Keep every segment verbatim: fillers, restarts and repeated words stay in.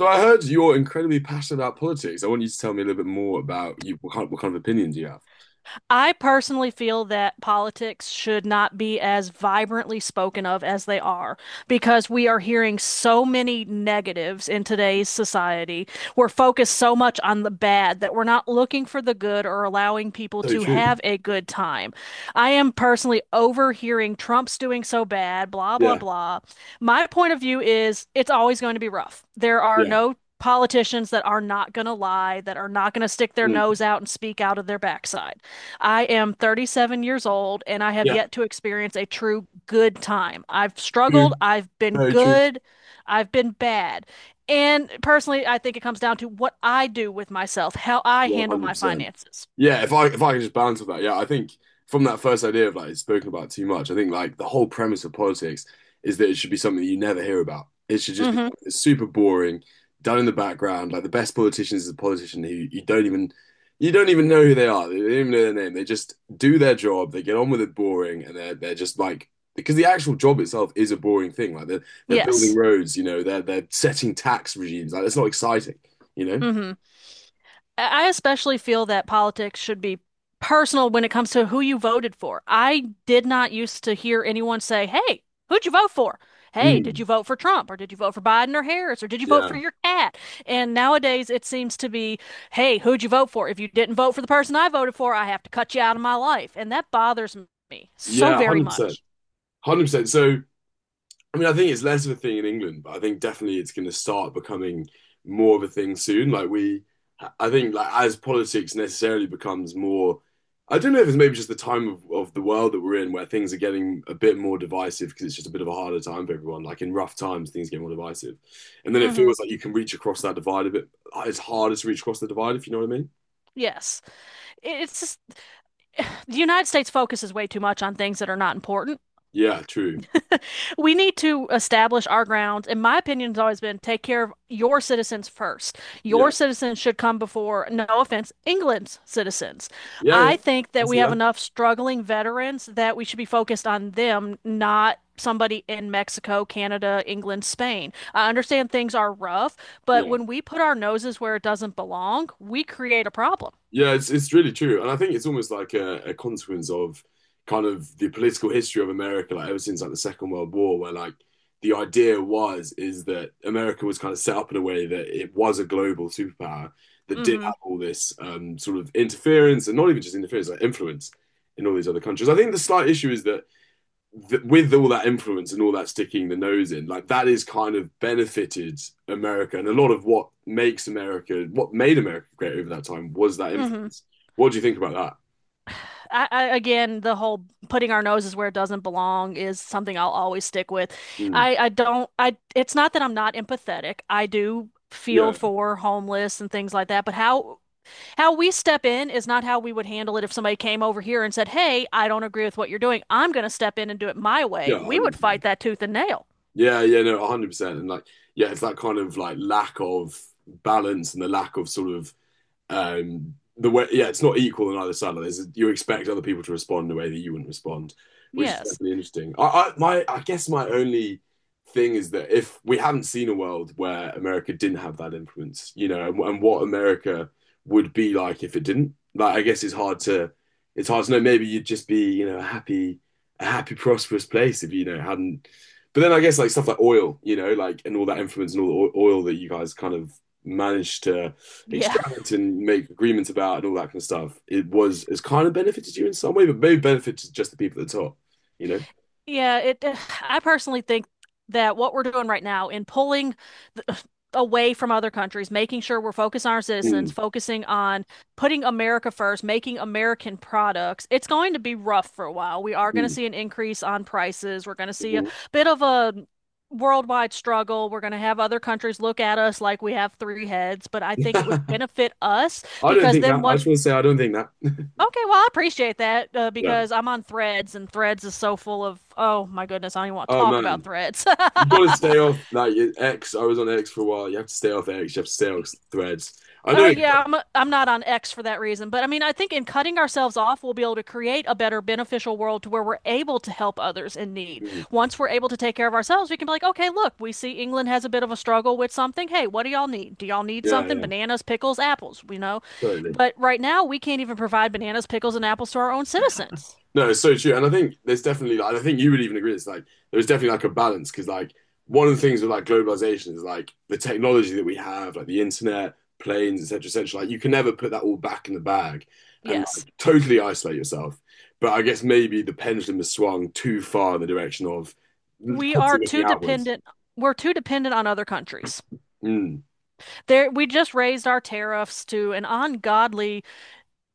So I heard you're incredibly passionate about politics. I want you to tell me a little bit more about you. What kind, what kind of opinions you have? I personally feel that politics should not be as vibrantly spoken of as they are because we are hearing so many negatives in today's society. We're focused so much on the bad that we're not looking for the good or allowing people So to true. have a good time. I am personally overhearing Trump's doing so bad, blah, blah, Yeah. blah. My point of view is it's always going to be rough. There are Yeah. no politicians that are not going to lie, that are not going to stick their Mm. nose out and speak out of their backside. I am thirty-seven years old and I have Yeah. yet to experience a true good time. I've struggled, True. I've been Very true. good, I've been bad. And personally, I think it comes down to what I do with myself, how I One handle hundred my percent. finances. Yeah, if I if I could just balance with that, yeah, I think from that first idea of like it's spoken about too much. I think like the whole premise of politics is that it should be something that you never hear about. It should just be Hmm. something that's super boring, done in the background. Like the best politician is a politician who you don't even you don't even know who they are. They don't even know their name. They just do their job. They get on with it boring, and they're they're just like because the actual job itself is a boring thing. Like they're they're building Yes. roads, you know, they're they're setting tax regimes. Like it's not exciting, you know. Hmm. I especially feel that politics should be personal when it comes to who you voted for. I did not used to hear anyone say, "Hey, who'd you vote for?" "Hey, did Mm. you vote for Trump or did you vote for Biden or Harris or did you vote for Yeah. your cat?" And nowadays it seems to be, "Hey, who'd you vote for? If you didn't vote for the person I voted for, I have to cut you out of my life." And that bothers me so Yeah, very one hundred percent. much. one hundred percent. So, I mean, I think it's less of a thing in England, but I think definitely it's going to start becoming more of a thing soon. Like, we, I think, like, as politics necessarily becomes more, I don't know if it's maybe just the time of, of the world that we're in, where things are getting a bit more divisive because it's just a bit of a harder time for everyone. Like, in rough times, things get more divisive. And then it Hmm. feels like you can reach across that divide a bit. It's harder to reach across the divide, if you know what I mean. Yes. It's just the United States focuses way too much on things that are not important. Yeah, true. We need to establish our grounds. And my opinion has always been take care of your citizens first. Your Yeah. citizens should come before, no offense, England's citizens. Yeah, yeah. I think I that we see have that. enough struggling veterans that we should be focused on them, not somebody in Mexico, Canada, England, Spain. I understand things are rough, but Yeah. when we put our noses where it doesn't belong, we create a problem. Yeah, it's it's really true, and I think it's almost like a, a consequence of kind of the political history of America, like ever since like the Second World War, where like the idea was is that America was kind of set up in a way that it was a global superpower that did Mm-hmm. have all this um, sort of interference, and not even just interference, like influence in all these other countries. I think the slight issue is that th- with all that influence and all that sticking the nose in, like that is kind of benefited America. And a lot of what makes America, what made America great over that time, was that Mm-hmm. influence. What do you think about that? I, I, again, the whole putting our noses where it doesn't belong is something I'll always stick with. Mm. I, I don't, I, it's not that I'm not empathetic. I do feel Yeah, for homeless and things like that, but how, how we step in is not how we would handle it if somebody came over here and said, "Hey, I don't agree with what you're doing. I'm going to step in and do it my way." yeah, We would fight one hundred percent. that tooth and nail. Yeah, yeah, no, one hundred percent. And like, yeah, it's that kind of like lack of balance and the lack of sort of Um, the way, yeah, it's not equal on either side. Like there's, you expect other people to respond in a way that you wouldn't respond, which is Yes. definitely interesting. I, I, my, I guess my only thing is that if we haven't seen a world where America didn't have that influence, you know, and, and what America would be like if it didn't. Like, I guess it's hard to, it's hard to know. Maybe you'd just be, you know, a happy, a happy, prosperous place if you, you know hadn't. But then I guess like stuff like oil, you know, like and all that influence and all the oil that you guys kind of managed to Yeah. extract and make agreements about and all that kind of stuff, it was it's kind of benefited you in some way, but maybe benefited just the people at the top, you know? Yeah, it. eh, I personally think that what we're doing right now in pulling the, uh, away from other countries, making sure we're focused on our citizens, Mm, focusing on putting America first, making American products, it's going to be rough for a while. We are going to mm, see an increase on prices. We're going to see a mhm. bit of a worldwide struggle. We're going to have other countries look at us like we have three heads, but I think it would benefit us I don't because think then that. I once… just want to say I don't think that. Okay, well, I appreciate that uh, Yeah. because I'm on Threads and Threads is so full of, oh my goodness, I don't even want to Oh talk about man. Threads. You've got to stay off like X. I was on X for a while. You have to stay off X. You have to stay off threads. I Oh know. it- yeah, I'm I'm not on X for that reason, but I mean, I think in cutting ourselves off, we'll be able to create a better beneficial world to where we're able to help others in need. Mm, Once we're able to take care of ourselves, we can be like, okay, look, we see England has a bit of a struggle with something. Hey, what do y'all need? Do y'all need yeah, something? yeah, Bananas, pickles, apples, you know? totally. But right now, we can't even provide bananas, pickles, and apples to our own citizens. No, it's so true. And I think there's definitely, like, I think you would even agree, it's like there's definitely like a balance because, like, one of the things with like globalization is like the technology that we have, like the internet, planes, et cetera, et cetera. Like, you can never put that all back in the bag and Yes. like totally isolate yourself. But I guess maybe the pendulum has swung too far in the direction of we are constantly looking too outwards. dependent we're too dependent on other countries. Mm, There, we just raised our tariffs to an ungodly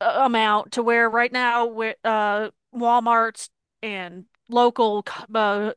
uh, amount to where right now we uh, Walmart's and local uh,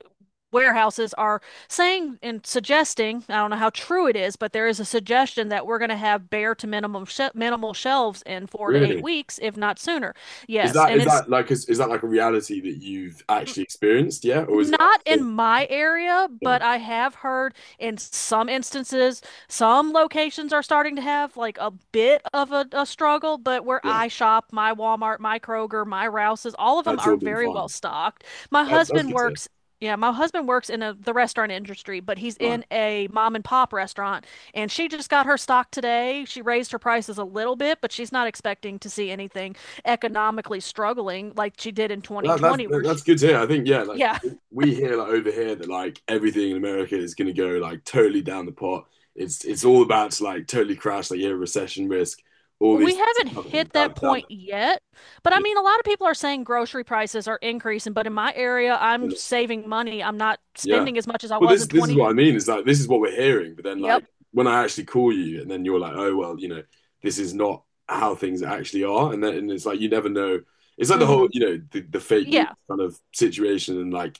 warehouses are saying and suggesting, I don't know how true it is, but there is a suggestion that we're going to have bare to minimum sh minimal shelves in four to eight really? weeks, if not sooner. Is Yes, that and is it's… that like is, is that like a reality that you've actually experienced? Yeah, or is it Not in like, my area, yeah, but I have heard in some instances, some locations are starting to have like a bit of a, a struggle. But where yeah, I shop, my Walmart, my Kroger, my Rouse's, all of them that's are all been very well fine. stocked. My That's that's husband good to hear. works, yeah, my husband works in a, the restaurant industry, but he's Right. in a mom and pop restaurant, and she just got her stock today. She raised her prices a little bit, but she's not expecting to see anything economically struggling like she did in That, that's twenty twenty, where she, that's good to hear. I think yeah, like yeah. we hear like over here that like everything in America is going to go like totally down the pot. It's it's all about to like totally crash, like yeah, recession risk, all these We haven't things are hit coming down, that down point yet, but I the- mean, a lot of people are saying grocery prices are increasing, but in my area, I'm yeah. saving money. I'm not Yeah. spending as much as I Well, was this in this is what I twenty twenty. mean. Is like this is what we're hearing, but then Yep. like when I actually call you, and then you're like, oh well, you know, this is not how things actually are, and then and it's like you never know. It's like the whole Hmm. you know the, the fake news Yeah. kind of situation, and like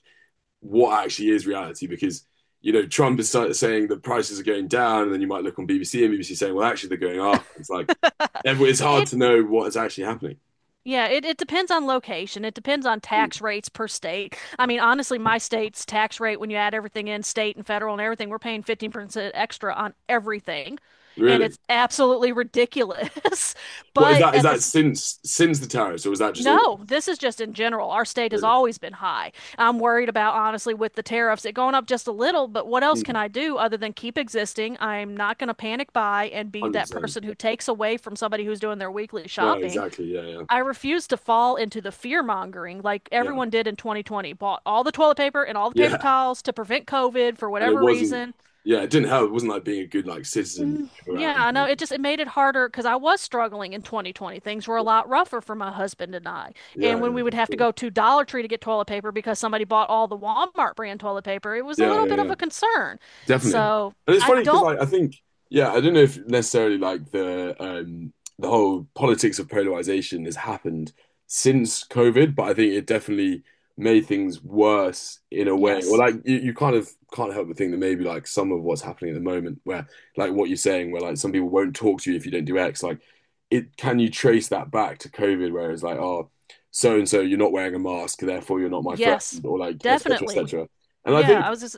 what actually is reality because you know Trump is saying the prices are going down, and then you might look on B B C and B B C saying, well, actually they're going up. It's like it's It, hard it to know what is actually happening. yeah, it, it depends on location. It depends on Mm. tax rates per state. I mean, honestly, my state's tax rate, when you add everything in, state and federal and everything, we're paying fifteen percent extra on everything. And Really, it's absolutely ridiculous. what is But that? Is at the that s- since since the tariffs, or is that just always? No, this is just in general. Our state has Really, always been high. I'm worried about, honestly, with the tariffs, it going up just a little, but what else Mm. can I do other than keep existing? I'm not going to panic buy and be one hundred that percent. person who takes away from somebody who's doing their weekly No, shopping. exactly. Yeah, yeah, I refuse to fall into the fear mongering like yeah, everyone did in twenty twenty, bought all the toilet paper and all the paper yeah. towels to prevent COVID for And it whatever wasn't. reason. Yeah, it didn't help. It wasn't like being a good like citizen Mm. Yeah, around. I know. It just it made it harder because I was struggling in twenty twenty. Things were a lot rougher for my husband and I. Yeah, And when yeah, we would for have to sure. go to Dollar Tree to get toilet paper because somebody bought all the Walmart brand toilet paper, it was a Yeah, little yeah, bit of yeah. a concern. Definitely. So And it's I funny because don't. like I think, yeah, I don't know if necessarily like the um the whole politics of polarization has happened since COVID, but I think it definitely made things worse in a way. Or Yes, like you, you kind of can't help but think that maybe like some of what's happening at the moment where like what you're saying where like some people won't talk to you if you don't do X, like it. Can you trace that back to COVID where it's like, oh, so and so, you're not wearing a mask, therefore you're not my friend, yes, or like et cetera, et definitely. cetera. And I Yeah, I think was just,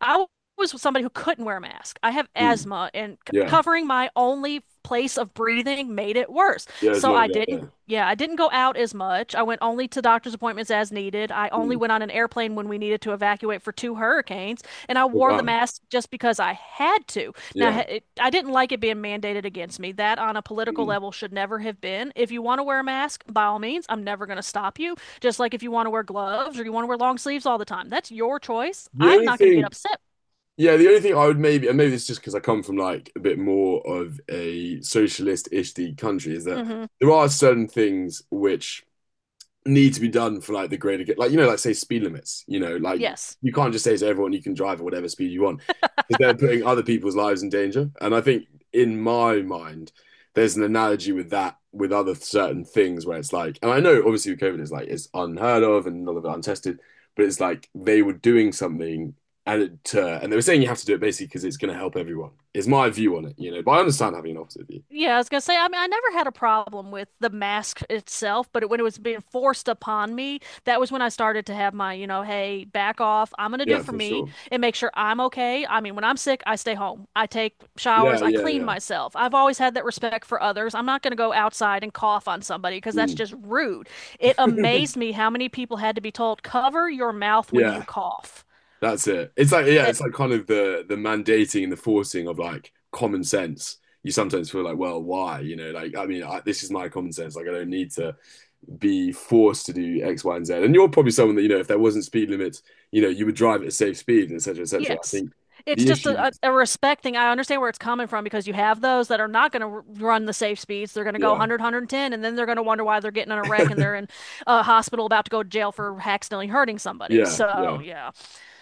I was somebody who couldn't wear a mask. I have hmm, asthma, and c yeah. covering my only place of breathing made it worse. Yeah, it's So not a I guy didn't, there. yeah, I didn't go out as much. I went only to doctor's appointments as needed. I only Mm. went on an airplane when we needed to evacuate for two hurricanes, and I Oh, wore the wow. mask just because I had to. Now, Yeah. ha- it, I didn't like it being mandated against me. That on a political Mm. level should never have been. If you want to wear a mask, by all means, I'm never going to stop you. Just like if you want to wear gloves or you want to wear long sleeves all the time, that's your choice. The I'm only not going to get thing, upset. yeah, the only thing I would maybe, and maybe it's just because I come from like a bit more of a socialist-ish the country, is that Hmm. there are certain things which need to be done for like the greater good. Like, you know, like say speed limits, you know, like Yes. you can't just say to everyone you can drive at whatever speed you want because they're putting other people's lives in danger. And I think in my mind, there's an analogy with that with other certain things where it's like, and I know obviously with COVID is like it's unheard of and none of it untested, but it's like they were doing something and it uh, and they were saying you have to do it basically because it's going to help everyone. Is my view on it, you know. But I understand having an opposite view. Yeah, I was gonna say, I mean, I never had a problem with the mask itself, but it, when it was being forced upon me, that was when I started to have my, you know, hey, back off. I'm gonna do Yeah, for for me sure. and make sure I'm okay. I mean, when I'm sick, I stay home. I take Yeah, showers, I yeah, clean yeah. myself. I've always had that respect for others. I'm not gonna go outside and cough on somebody because that's just rude. It Mm. amazed me how many people had to be told, cover your mouth when you Yeah. cough. That's it. It's like yeah, That it's like kind of the the mandating and the forcing of like common sense. You sometimes feel like, well, why? You know, like I mean, I, this is my common sense. Like I don't need to be forced to do X, Y, and Z. And you're probably someone that you know, if there wasn't speed limits, you know, you would drive at a safe speed, et cetera, et cetera. I Yes. think It's the just issue, a, a, a respect thing. I understand where it's coming from because you have those that are not going to r run the safe speeds. They're going to go yeah, a hundred, and then they're going to wonder why they're getting in a wreck and they're in a hospital about to go to jail for accidentally hurting somebody. yeah, yeah. So, yeah.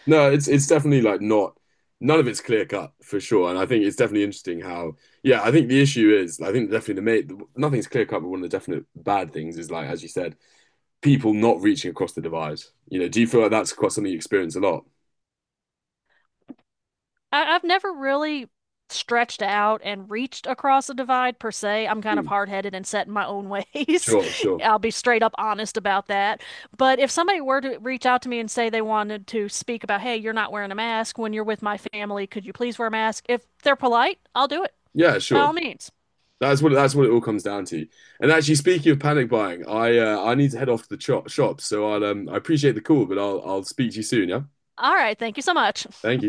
No, it's it's definitely like not, none of it's clear cut for sure. And I think it's definitely interesting how, yeah, I think the issue is, I think definitely the mate nothing's clear cut, but one of the definite bad things is like, as you said, people not reaching across the divide? You know, do you feel like that's quite something you experience a lot? I, I've never really stretched out and reached across a divide per se. I'm kind of Hmm, hard-headed and set in my own ways. sure, sure. I'll be straight up honest about that. But if somebody were to reach out to me and say they wanted to speak about, hey, you're not wearing a mask when you're with my family, could you please wear a mask? If they're polite, I'll do it Yeah, by sure. all means. That's what that's what it all comes down to. And actually, speaking of panic buying, I uh, I need to head off to the cho- shop, so I'll um, I appreciate the call, but I'll I'll speak to you soon. Yeah, All right, thank you so much. thank you.